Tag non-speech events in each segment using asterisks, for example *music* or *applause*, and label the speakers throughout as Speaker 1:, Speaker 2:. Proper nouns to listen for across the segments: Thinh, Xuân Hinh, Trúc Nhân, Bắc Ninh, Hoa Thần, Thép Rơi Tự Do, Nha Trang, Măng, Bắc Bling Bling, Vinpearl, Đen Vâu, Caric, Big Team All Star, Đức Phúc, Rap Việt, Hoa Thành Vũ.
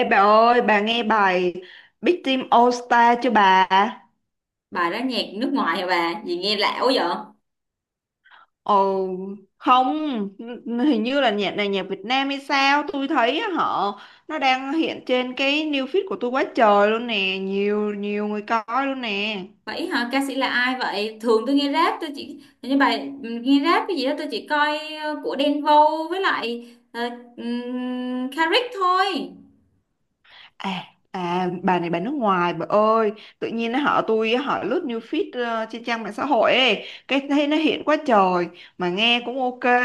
Speaker 1: Ê bà ơi, bà nghe bài Big Team All Star chưa bà?
Speaker 2: Bài đó nhạc nước ngoài hả bà? Gì nghe lạ quá vậy?
Speaker 1: Ồ, không, hình như là nhạc này nhạc Việt Nam hay sao? Tôi thấy á, họ nó đang hiện trên cái new feed của tôi quá trời luôn nè, nhiều nhiều người coi luôn nè.
Speaker 2: Vậy hả? Ca sĩ là ai vậy? Thường tôi nghe rap, tôi chỉ như bài nghe rap cái gì đó tôi chỉ coi của Đen Vâu với lại uh, Caric thôi.
Speaker 1: À, à, bà này bà nước ngoài bà ơi, tự nhiên nó họ tôi á, họ lướt new feed trên trang mạng xã hội ấy, cái thấy nó hiện quá trời mà nghe cũng ok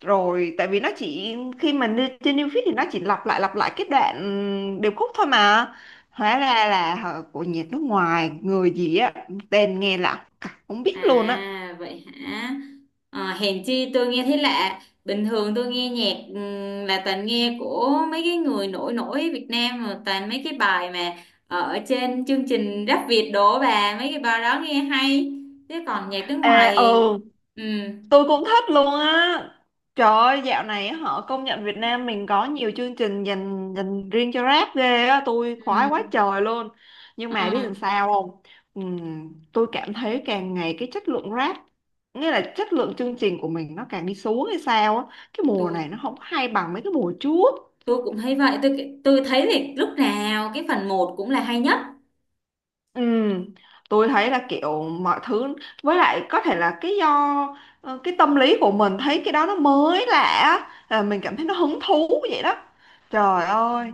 Speaker 1: rồi. Tại vì nó chỉ khi mình lên trên new feed thì nó chỉ lặp lại cái đoạn điệp khúc thôi mà, hóa ra là họ của nhiệt nước ngoài người gì á, tên nghe lạ, không biết luôn á.
Speaker 2: À vậy hả? Ờ, hèn chi tôi nghe thấy lạ. Bình thường tôi nghe nhạc là toàn nghe của mấy cái người nổi nổi Việt Nam, mà toàn mấy cái bài mà ở trên chương trình Rap Việt đổ bà, mấy cái bài đó nghe hay. Chứ còn nhạc nước ngoài
Speaker 1: À,
Speaker 2: thì.
Speaker 1: ừ.
Speaker 2: Ừ.
Speaker 1: Tôi cũng thích luôn á. Trời ơi, dạo này họ công nhận Việt Nam mình có nhiều chương trình dành dành riêng cho rap ghê á, tôi
Speaker 2: Ừ.
Speaker 1: khoái quá trời luôn. Nhưng mà biết
Speaker 2: Ờ,
Speaker 1: làm sao không? Tôi cảm thấy càng ngày cái chất lượng rap, nghĩa là chất lượng chương trình của mình nó càng đi xuống hay sao á. Cái mùa này
Speaker 2: tôi
Speaker 1: nó không hay bằng mấy cái mùa trước.
Speaker 2: tôi cũng thấy vậy, tôi thấy thì lúc nào cái phần một cũng là hay nhất.
Speaker 1: Ừ, tôi thấy là kiểu mọi thứ, với lại có thể là cái do cái tâm lý của mình thấy cái đó nó mới lạ á, là mình cảm thấy nó hứng thú vậy đó. Trời
Speaker 2: Ừ.
Speaker 1: ơi,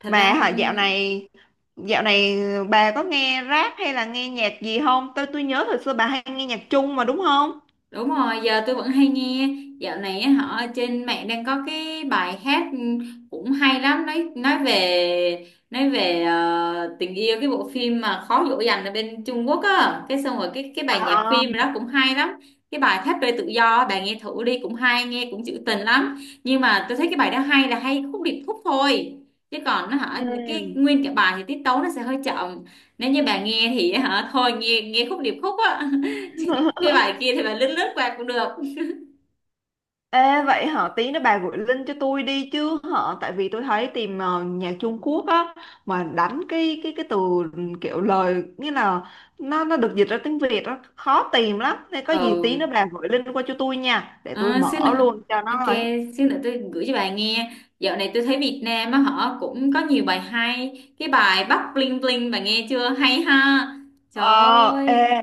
Speaker 2: Thật ra
Speaker 1: mà hả dạo
Speaker 2: không.
Speaker 1: này dạo này bà có nghe rap hay là nghe nhạc gì không? Tôi nhớ thời xưa bà hay nghe nhạc Trung mà đúng không?
Speaker 2: Đúng rồi, giờ tôi vẫn hay nghe. Dạo này á, họ trên mạng đang có cái bài hát cũng hay lắm, nói về tình yêu cái bộ phim mà khó dỗ dành ở bên Trung Quốc á, cái xong rồi cái bài nhạc
Speaker 1: À,
Speaker 2: phim đó cũng hay lắm. Cái bài Thép Rơi Tự Do á, bà nghe thử đi, cũng hay, nghe cũng trữ tình lắm. Nhưng mà tôi thấy cái bài đó hay là hay khúc điệp khúc thôi, chứ còn nó hả cái
Speaker 1: ừ.
Speaker 2: nguyên cả bài thì tiết tấu nó sẽ hơi chậm. Nếu như bà nghe thì hả thôi nghe nghe khúc điệp khúc á. *laughs* Cái
Speaker 1: *laughs*
Speaker 2: bài kia thì bạn lướt lướt qua cũng được.
Speaker 1: Ê, vậy hả, tí nữa bà gửi link cho tôi đi chứ, hả? Tại vì tôi thấy tìm nhạc Trung Quốc á, mà đánh cái từ kiểu lời, nghĩa là nó được dịch ra tiếng Việt á khó tìm lắm nên có
Speaker 2: ờ
Speaker 1: gì tí nữa bà gửi link qua cho tôi nha, để tôi
Speaker 2: À, xíu
Speaker 1: mở
Speaker 2: nữa.
Speaker 1: luôn cho
Speaker 2: Ok,
Speaker 1: nó ấy.
Speaker 2: xíu nữa tôi gửi cho bạn nghe. Dạo này tôi thấy Việt Nam á họ cũng có nhiều bài hay, cái bài Bắc Bling Bling bạn nghe chưa, hay ha. Trời
Speaker 1: Ờ
Speaker 2: ơi.
Speaker 1: ê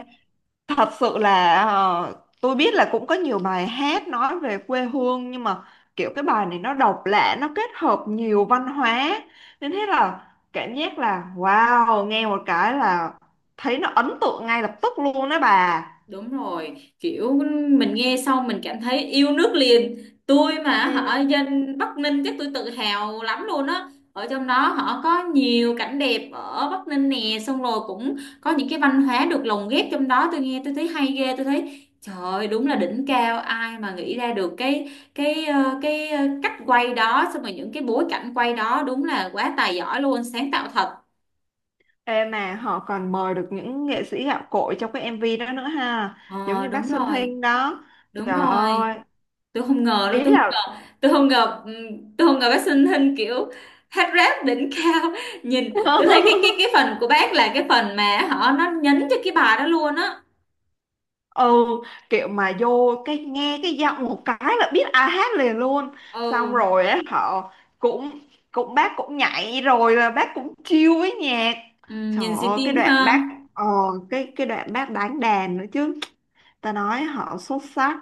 Speaker 1: Thật sự là, tôi biết là cũng có nhiều bài hát nói về quê hương, nhưng mà kiểu cái bài này nó độc lạ, nó kết hợp nhiều văn hóa, nên thế là cảm giác là wow, nghe một cái là thấy nó ấn tượng ngay lập tức luôn đó bà.
Speaker 2: Đúng rồi, kiểu mình nghe xong mình cảm thấy yêu nước liền. Tôi mà
Speaker 1: Ừ.
Speaker 2: hả dân Bắc Ninh chắc tôi tự hào lắm luôn á. Ở trong đó họ có nhiều cảnh đẹp ở Bắc Ninh nè, xong rồi cũng có những cái văn hóa được lồng ghép trong đó. Tôi nghe tôi thấy hay ghê, tôi thấy trời ơi, đúng là đỉnh cao, ai mà nghĩ ra được cách quay đó, xong rồi những cái bối cảnh quay đó đúng là quá tài giỏi luôn, sáng tạo thật.
Speaker 1: Ê, mà họ còn mời được những nghệ sĩ gạo cội trong cái MV đó nữa ha, giống
Speaker 2: Ờ
Speaker 1: như bác
Speaker 2: đúng
Speaker 1: Xuân
Speaker 2: rồi,
Speaker 1: Hinh đó.
Speaker 2: đúng
Speaker 1: Trời
Speaker 2: rồi.
Speaker 1: ơi,
Speaker 2: Tôi không ngờ đâu,
Speaker 1: ý
Speaker 2: tôi
Speaker 1: là
Speaker 2: tôi không ngờ tôi không ngờ bác sinh Thinh kiểu hát rap đỉnh cao, *laughs* nhìn tôi thấy cái cái
Speaker 1: *laughs*
Speaker 2: cái phần của bác là cái phần mà họ nó nhấn cho cái bài đó luôn á.
Speaker 1: ừ, kiểu mà vô cái nghe cái giọng một cái là biết ai hát liền luôn. Xong
Speaker 2: Ừ.
Speaker 1: rồi á, họ cũng cũng bác cũng nhảy rồi là bác cũng chill với nhạc. Trời
Speaker 2: Nhìn xì
Speaker 1: ơi,
Speaker 2: tin
Speaker 1: cái đoạn
Speaker 2: ha.
Speaker 1: bác ờ, cái đoạn bác đánh đàn nữa chứ, ta nói họ xuất sắc.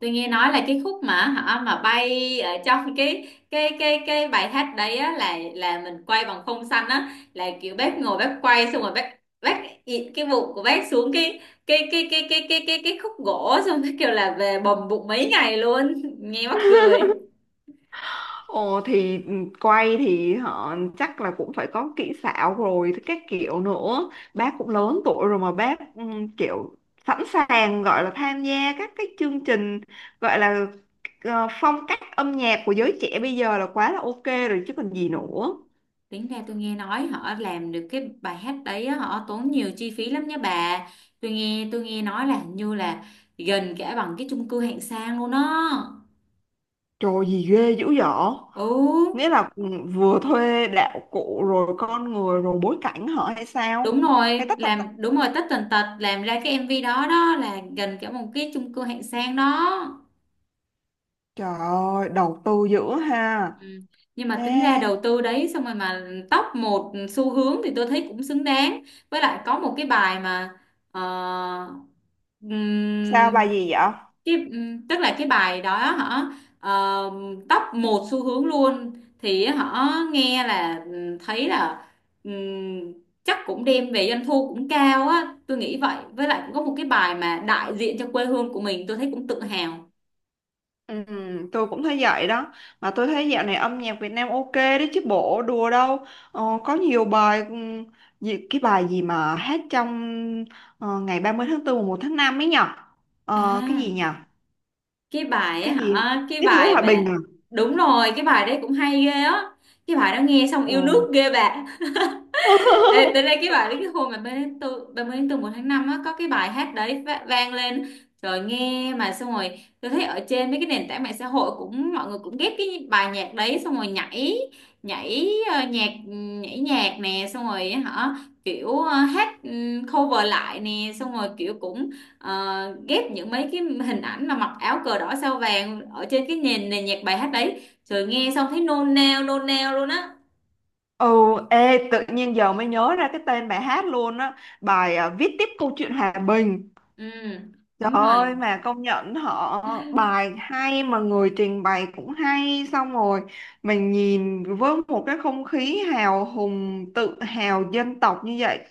Speaker 2: Tôi nghe nói là cái khúc mà họ mà bay ở trong cái bài hát đấy á là mình quay bằng phông xanh á, là kiểu bác ngồi bác quay xong rồi bác ịt cái bụng của bác xuống cái khúc gỗ, xong cái kiểu là về bầm bụng mấy ngày luôn. *laughs* Nghe mắc cười.
Speaker 1: Ồ thì quay thì họ chắc là cũng phải có kỹ xảo rồi các kiểu, nữa bác cũng lớn tuổi rồi mà bác kiểu sẵn sàng, gọi là tham gia các cái chương trình, gọi là phong cách âm nhạc của giới trẻ bây giờ là quá là ok rồi chứ còn gì
Speaker 2: Ừ.
Speaker 1: nữa.
Speaker 2: Tính ra tôi nghe nói họ làm được cái bài hát đấy á, họ tốn nhiều chi phí lắm nhé bà. Tôi nghe nói là hình như là gần cả bằng cái chung cư hạng sang luôn đó.
Speaker 1: Trời gì ghê dữ dở,
Speaker 2: Ừ,
Speaker 1: nghĩa là vừa thuê đạo cụ rồi con người rồi bối cảnh họ hay sao?
Speaker 2: đúng
Speaker 1: Hay
Speaker 2: rồi,
Speaker 1: tất tần tật,
Speaker 2: làm đúng rồi tất tần tật làm ra cái MV đó, đó là gần cả một cái chung cư hạng sang đó.
Speaker 1: trời ơi đầu tư dữ ha.
Speaker 2: Ừ. Nhưng mà
Speaker 1: Ê,
Speaker 2: tính ra đầu tư đấy xong rồi mà top một xu hướng thì tôi thấy cũng xứng đáng. Với lại có một cái bài mà ờ,
Speaker 1: sao bài
Speaker 2: ừm,
Speaker 1: gì vậy?
Speaker 2: cái tức là cái bài đó hả ờ, top một xu hướng luôn, thì họ nghe là thấy là ừm, chắc cũng đem về doanh thu cũng cao á, tôi nghĩ vậy. Với lại cũng có một cái bài mà đại diện cho quê hương của mình tôi thấy cũng tự hào.
Speaker 1: Ừ, tôi cũng thấy vậy đó, mà tôi thấy dạo này âm nhạc Việt Nam ok đấy chứ, bộ đùa đâu. Có nhiều bài, gì, cái bài gì mà hát trong ngày 30 tháng 4 mùng 1 tháng 5 ấy nhở? Cái gì
Speaker 2: À.
Speaker 1: nhở?
Speaker 2: Cái bài ấy
Speaker 1: Cái gì
Speaker 2: hả, cái
Speaker 1: tiếp nối
Speaker 2: bài
Speaker 1: hòa
Speaker 2: mà
Speaker 1: bình à?
Speaker 2: đúng rồi, cái bài đấy cũng hay ghê á, cái bài đó nghe xong
Speaker 1: Ờ.
Speaker 2: yêu nước ghê bà. Ê, tới đây
Speaker 1: *laughs*
Speaker 2: cái bài đấy cái hồi mà 30 tháng 4 1 tháng 5 á có cái bài hát đấy vang lên, rồi nghe mà xong rồi tôi thấy ở trên mấy cái nền tảng mạng xã hội cũng mọi người cũng ghép cái bài nhạc đấy xong rồi nhảy, nhảy ờ, nhạc nhảy nhạc nè, xong rồi hả kiểu hát cover lại nè, xong rồi kiểu cũng ghép những mấy cái hình ảnh mà mặc áo cờ đỏ sao vàng ở trên cái nền nền nhạc bài hát đấy rồi nghe xong thấy nôn nao luôn á.
Speaker 1: Ừ. Ê, tự nhiên giờ mới nhớ ra cái tên bài hát luôn á, bài à, viết tiếp câu chuyện hòa bình.
Speaker 2: Ừ
Speaker 1: Trời
Speaker 2: đúng rồi.
Speaker 1: ơi, mà công nhận họ bài hay mà người trình bày cũng hay, xong rồi mình nhìn với một cái không khí hào hùng, tự hào dân tộc như vậy,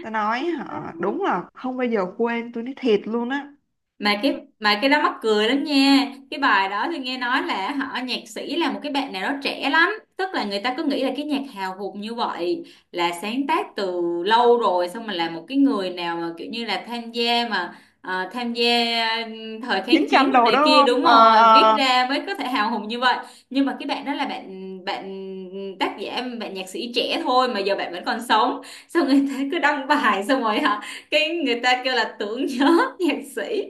Speaker 1: ta nói họ đúng là không bao giờ quên, tôi nói thiệt luôn á.
Speaker 2: Mà cái mà cái đó mắc cười lắm nha, cái bài đó thì nghe nói là họ nhạc sĩ là một cái bạn nào đó trẻ lắm, tức là người ta cứ nghĩ là cái nhạc hào hụt như vậy là sáng tác từ lâu rồi, xong mà là một cái người nào mà kiểu như là tham gia thời
Speaker 1: chín
Speaker 2: kháng chiến
Speaker 1: trăm
Speaker 2: rồi
Speaker 1: đồ
Speaker 2: này
Speaker 1: đúng
Speaker 2: kia
Speaker 1: không?
Speaker 2: đúng
Speaker 1: Ờ,
Speaker 2: rồi viết
Speaker 1: ờ.
Speaker 2: ra mới có thể hào hùng như vậy. Nhưng mà cái bạn đó là bạn bạn tác giả, bạn nhạc sĩ trẻ thôi mà giờ bạn vẫn còn sống, xong người ta cứ đăng bài xong rồi hả cái người ta kêu là tưởng nhớ *laughs* nhạc sĩ,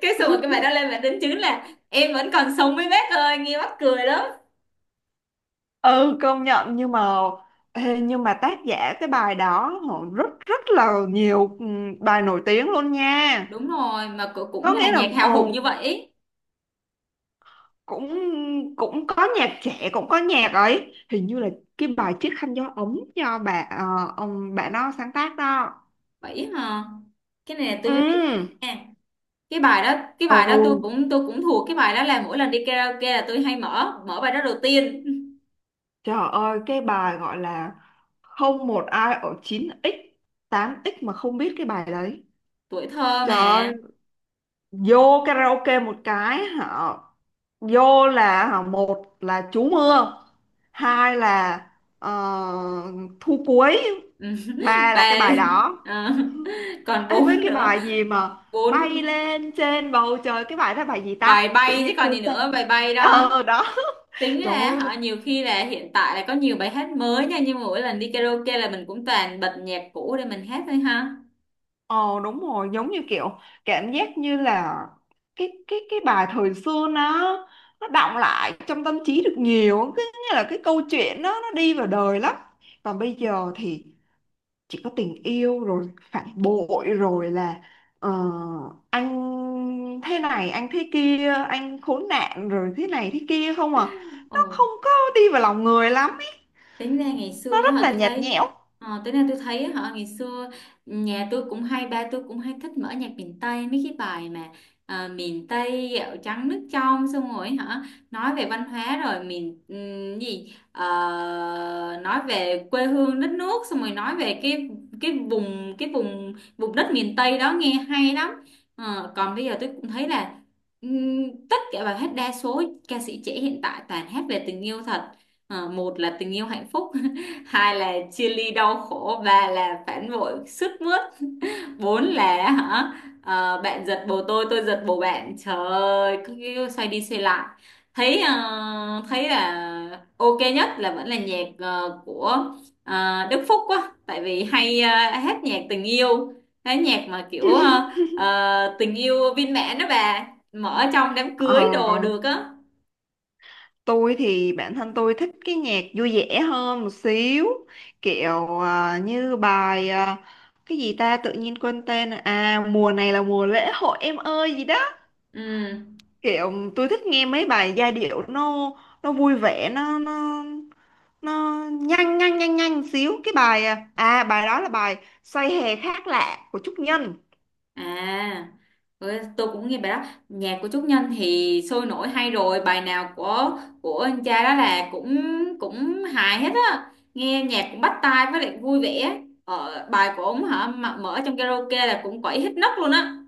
Speaker 2: cái xong rồi cái bài đó lên bạn đính chính là em vẫn còn sống với bác ơi, nghe mắc cười lắm.
Speaker 1: Ừ, công nhận. Nhưng mà tác giả cái bài đó họ rất rất là nhiều, ừ, bài nổi tiếng luôn nha.
Speaker 2: Đúng rồi mà cũng cũng
Speaker 1: Có
Speaker 2: là
Speaker 1: nghĩa là
Speaker 2: nhạc hào hùng như vậy.
Speaker 1: cũng cũng có nhạc trẻ cũng có nhạc ấy, hình như là cái bài chiếc khăn gió ấm do bà ông bạn nó sáng tác đó.
Speaker 2: Vậy hả? Cái này là
Speaker 1: Ừ,
Speaker 2: tôi mới biết nha. Cái bài đó tôi
Speaker 1: ừ.
Speaker 2: cũng thuộc, cái bài đó là mỗi lần đi karaoke là tôi hay mở mở bài đó đầu tiên.
Speaker 1: Trời ơi, cái bài gọi là không một ai ở 9x 8x mà không biết cái bài đấy.
Speaker 2: Tuổi thơ
Speaker 1: Trời
Speaker 2: mà.
Speaker 1: ơi, vô karaoke một cái họ vô là họ một là trú mưa, hai là ờ, thu cuối,
Speaker 2: Ừ. *laughs*
Speaker 1: ba là cái
Speaker 2: Bà,
Speaker 1: bài đó.
Speaker 2: ờ, còn
Speaker 1: Ê, với
Speaker 2: bốn
Speaker 1: cái
Speaker 2: nữa.
Speaker 1: bài gì mà
Speaker 2: Bốn,
Speaker 1: bay lên trên bầu trời, cái bài đó bài gì
Speaker 2: bài
Speaker 1: ta, tự
Speaker 2: bay
Speaker 1: nhiên
Speaker 2: chứ còn
Speaker 1: quên
Speaker 2: gì nữa,
Speaker 1: tên.
Speaker 2: bài bay đó.
Speaker 1: Ờ đó.
Speaker 2: Tính
Speaker 1: Trời
Speaker 2: ra
Speaker 1: ơi.
Speaker 2: họ nhiều khi là hiện tại là có nhiều bài hát mới nha, nhưng mà mỗi lần đi karaoke là mình cũng toàn bật nhạc cũ để mình hát thôi ha.
Speaker 1: Ờ, đúng rồi, giống như kiểu cảm giác như là cái bài thời xưa nó đọng lại trong tâm trí được nhiều, cái như là cái câu chuyện đó nó đi vào đời lắm. Còn bây
Speaker 2: Ừ.
Speaker 1: giờ thì chỉ có tình yêu rồi phản bội rồi là ờ, anh thế này anh thế kia anh khốn nạn rồi thế này thế kia không à.
Speaker 2: Ồ,
Speaker 1: Nó không có đi vào lòng người lắm ý.
Speaker 2: tính ra ngày
Speaker 1: Nó
Speaker 2: xưa
Speaker 1: rất
Speaker 2: á,
Speaker 1: là
Speaker 2: tôi
Speaker 1: nhạt
Speaker 2: thấy,
Speaker 1: nhẽo.
Speaker 2: tính ra tôi thấy á, họ ngày xưa nhà tôi cũng hay, ba tôi cũng hay thích mở nhạc miền Tây, mấy cái bài mà miền Tây gạo trắng nước trong, xong rồi hả nói về văn hóa, rồi miền gì, nói về quê hương đất nước, xong rồi nói về cái vùng vùng đất miền Tây đó nghe hay lắm. Ờ, còn bây giờ tôi cũng thấy là tất cả bài hát đa số ca sĩ trẻ hiện tại toàn hát về tình yêu thật. Ờ, một là tình yêu hạnh phúc, *laughs* hai là chia ly đau khổ, ba là phản bội sướt mướt, bốn là hả, bạn giật bồ tôi giật bồ bạn, trời ơi, cứ cứ xoay đi xoay lại, thấy, thấy là ok nhất là vẫn là nhạc của Đức Phúc quá, tại vì hay hát nhạc tình yêu, cái nhạc mà kiểu tình yêu viên mãn đó, bà mở trong đám
Speaker 1: Ờ,
Speaker 2: cưới đồ được á.
Speaker 1: tôi thì bản thân tôi thích cái nhạc vui vẻ hơn một xíu, kiểu như bài cái gì ta tự nhiên quên tên, à mùa này là mùa lễ hội em ơi gì đó,
Speaker 2: Ừ.
Speaker 1: kiểu tôi thích nghe mấy bài giai điệu, nó vui vẻ, nó nhanh nhanh nhanh nhanh xíu. Cái bài bài đó là bài Say hè khác lạ của Trúc Nhân.
Speaker 2: À. Ừ, tôi cũng nghe bài đó. Nhạc của Trúc Nhân thì sôi nổi hay rồi, bài nào của anh cha đó là cũng cũng hài hết á, nghe nhạc cũng bắt tai với lại vui vẻ, bài của ông hả mà mở trong karaoke là cũng quẩy hết nấc luôn á.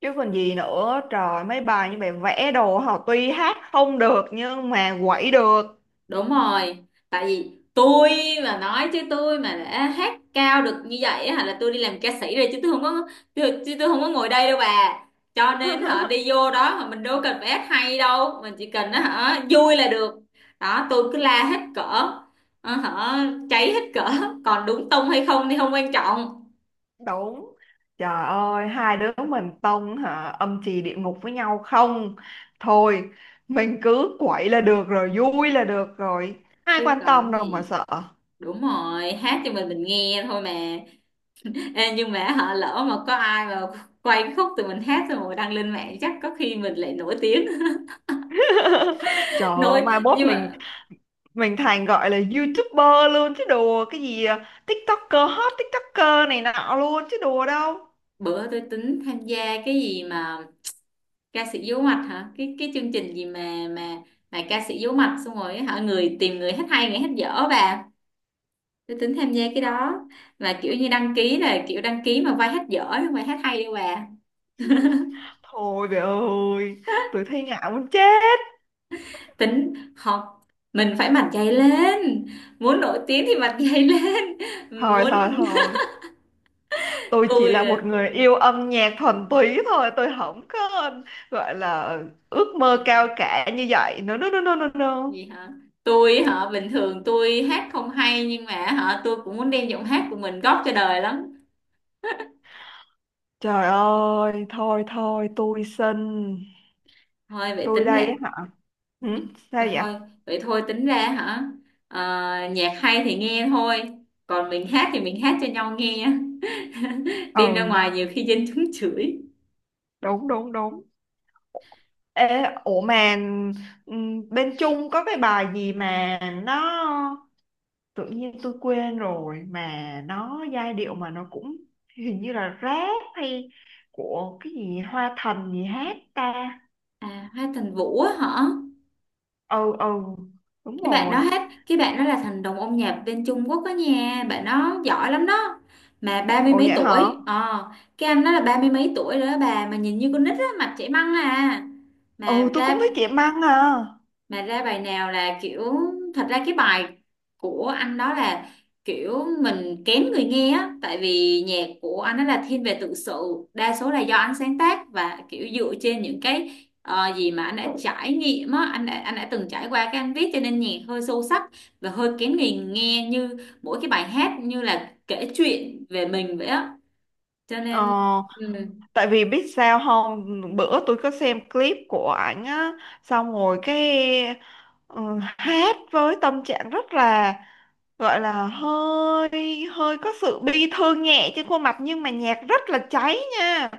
Speaker 1: Chứ còn gì nữa, trời, mấy bài như bài vẽ đồ họ tuy hát không được nhưng mà quẩy được.
Speaker 2: Đúng rồi, tại vì tôi mà nói chứ tôi mà đã hát cao được như vậy á, là tôi đi làm ca sĩ rồi chứ tôi không có, tôi không có ngồi đây đâu bà. Cho nên họ
Speaker 1: *laughs*
Speaker 2: đi vô đó mà mình đâu cần phải hát hay đâu, mình chỉ cần nó hả vui là được. Đó, tôi cứ la hết cỡ, hả cháy hết cỡ, còn đúng tông hay không thì không quan trọng.
Speaker 1: Đúng. Trời ơi, hai đứa mình tông hả âm trì địa ngục với nhau không? Thôi, mình cứ quậy là được rồi, vui là được rồi, ai
Speaker 2: Chứ
Speaker 1: quan tâm
Speaker 2: còn
Speaker 1: đâu mà
Speaker 2: gì,
Speaker 1: sợ.
Speaker 2: đúng rồi, hát cho mình nghe thôi mà. Ê, nhưng mà họ lỡ mà có ai mà quay cái khúc tụi mình hát xong rồi đăng lên mạng chắc có khi mình lại nổi tiếng.
Speaker 1: *laughs* Trời
Speaker 2: *laughs*
Speaker 1: ơi, mai
Speaker 2: nổi
Speaker 1: mốt
Speaker 2: nhưng
Speaker 1: mình
Speaker 2: mà
Speaker 1: thành, gọi là YouTuber luôn chứ đùa cái gì, à TikToker, hot TikToker này nọ luôn chứ đùa đâu.
Speaker 2: bữa tôi tính tham gia cái gì mà ca sĩ giấu mặt hả, cái chương trình gì mà ca sĩ giấu mặt xong rồi hả người tìm người hát hay người hát dở bà, tôi tính tham gia cái
Speaker 1: Thôi
Speaker 2: đó, mà kiểu như đăng ký là kiểu đăng ký mà vai hát dở không phải hát hay đâu bà,
Speaker 1: thôi về ơi, tôi thấy ngại muốn chết.
Speaker 2: tính học mình phải mặt dày lên, muốn nổi tiếng thì mặt dày lên. *laughs*
Speaker 1: Thôi
Speaker 2: muốn
Speaker 1: thôi thôi, tôi chỉ
Speaker 2: tôi
Speaker 1: là một
Speaker 2: là-
Speaker 1: người yêu âm nhạc thuần túy thôi, tôi không có, gọi là ước mơ
Speaker 2: gì
Speaker 1: cao
Speaker 2: hả?
Speaker 1: cả như vậy. No no no no no no.
Speaker 2: Gì hả, tôi hả, bình thường tôi hát không hay nhưng mà hả tôi cũng muốn đem giọng hát của mình góp cho đời lắm.
Speaker 1: Trời ơi, thôi thôi, tôi xin.
Speaker 2: thôi vậy
Speaker 1: Tôi
Speaker 2: tính
Speaker 1: đây
Speaker 2: ra
Speaker 1: á hả? Ừ, sao vậy?
Speaker 2: thôi vậy thôi tính ra hả ờ, nhạc hay thì nghe thôi, còn mình hát thì mình hát cho nhau nghe, *laughs* đem ra
Speaker 1: Ừ,
Speaker 2: ngoài nhiều khi dân chúng chửi.
Speaker 1: đúng đúng đúng. Ê, ủa mà bên Trung có cái bài gì mà nó tự nhiên tôi quên rồi, mà nó giai điệu mà nó cũng hình như là rap hay, của cái gì Hoa Thần gì hát ta?
Speaker 2: À, Hoa Thành Vũ á hả.
Speaker 1: Ừ, ừ, đúng rồi.
Speaker 2: Cái bạn đó là thần đồng âm nhạc bên Trung Quốc đó nha, bạn đó giỏi lắm đó, mà ba mươi
Speaker 1: Ồ,
Speaker 2: mấy
Speaker 1: vậy hả?
Speaker 2: tuổi, cái anh đó là ba mươi mấy tuổi rồi đó bà, mà nhìn như con nít á, mặt chảy măng à. mà
Speaker 1: Ừ, tôi cũng
Speaker 2: ra
Speaker 1: thích chị Măng à.
Speaker 2: mà ra bài nào là kiểu thật ra cái bài của anh đó là kiểu mình kém người nghe á, tại vì nhạc của anh đó là thiên về tự sự, đa số là do anh sáng tác và kiểu dựa trên những cái gì mà anh đã trải nghiệm á, anh đã từng trải qua cái anh viết cho nên nhạc hơi sâu sắc và hơi kén người nghe, như mỗi cái bài hát như là kể chuyện về mình vậy á, cho
Speaker 1: Ờ,
Speaker 2: nên ừ,
Speaker 1: tại vì biết sao không, bữa tôi có xem clip của ảnh á, xong rồi cái ừ, hát với tâm trạng rất là, gọi là hơi hơi có sự bi thương nhẹ trên khuôn mặt, nhưng mà nhạc rất là cháy nha,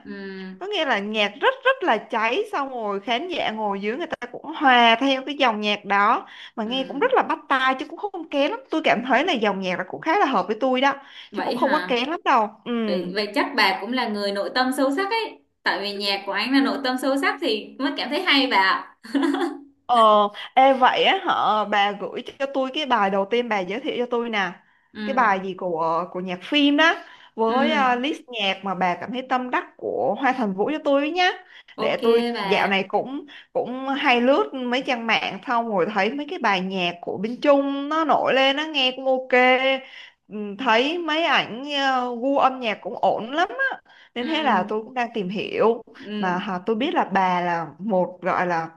Speaker 1: có
Speaker 2: ừ,
Speaker 1: nghĩa là nhạc rất rất là cháy, xong rồi khán giả ngồi dưới người ta cũng hòa theo cái dòng nhạc đó mà
Speaker 2: ừ.
Speaker 1: nghe cũng rất là bắt tai, chứ cũng không kén lắm. Tôi cảm thấy là dòng nhạc là cũng khá là hợp với tôi đó, chứ cũng
Speaker 2: Vậy
Speaker 1: không có
Speaker 2: hả?
Speaker 1: kén lắm đâu. Ừ.
Speaker 2: Vậy chắc bà cũng là người nội tâm sâu sắc ấy. Tại vì nhạc của anh là nội tâm sâu sắc thì mới cảm thấy hay bà ạ.
Speaker 1: Ờ, ê vậy á hả, bà gửi cho tôi cái bài đầu tiên bà giới thiệu cho tôi nè. Cái bài
Speaker 2: Ừ,
Speaker 1: gì của nhạc phim đó với
Speaker 2: ừ,
Speaker 1: list nhạc mà bà cảm thấy tâm đắc của Hoa Thành Vũ cho tôi với nhá. Để
Speaker 2: ok
Speaker 1: tôi
Speaker 2: bà.
Speaker 1: dạo này cũng cũng hay lướt mấy trang mạng xong rồi thấy mấy cái bài nhạc của bên Trung nó nổi lên, nó nghe cũng ok. Ừ, thấy mấy ảnh gu âm nhạc cũng ổn lắm á.
Speaker 2: Ừ,
Speaker 1: Nên thế là tôi cũng đang tìm hiểu mà
Speaker 2: ừ,
Speaker 1: hả, tôi biết là bà là một, gọi là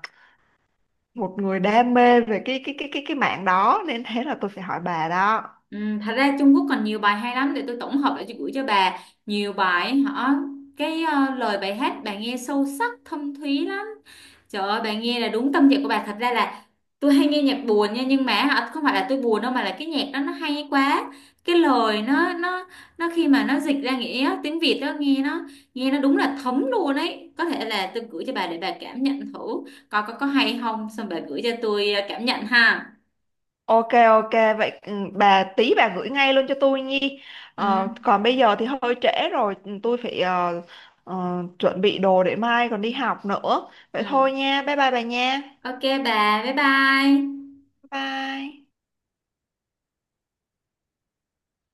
Speaker 1: một người đam mê về cái mạng đó nên thế là tôi phải hỏi bà đó.
Speaker 2: ừ. Thật ra Trung Quốc còn nhiều bài hay lắm để tôi tổng hợp lại cho, gửi cho bà. Nhiều bài ấy hả? Cái lời bài hát bà nghe sâu sắc, thâm thúy lắm. Trời ơi, bà nghe là đúng tâm trạng của bà. Thật ra là tôi hay nghe nhạc buồn nha, nhưng mà hả, không phải là tôi buồn đâu mà là cái nhạc đó nó hay quá. Cái lời nó khi mà nó dịch ra nghĩa tiếng Việt đó nghe nó đúng là thấm luôn ấy. Có thể là tôi gửi cho bà để bà cảm nhận thử coi có hay không, xong bà gửi cho tôi cảm nhận ha.
Speaker 1: Ok, ok. Vậy bà tí bà gửi ngay luôn cho tôi nhi.
Speaker 2: Ừ
Speaker 1: Ờ, còn bây giờ thì hơi trễ rồi, tôi phải chuẩn bị đồ để mai còn đi học nữa, vậy
Speaker 2: ừ.
Speaker 1: thôi nha, bye bye bà nha.
Speaker 2: Ok bà, bye bye.
Speaker 1: Bye.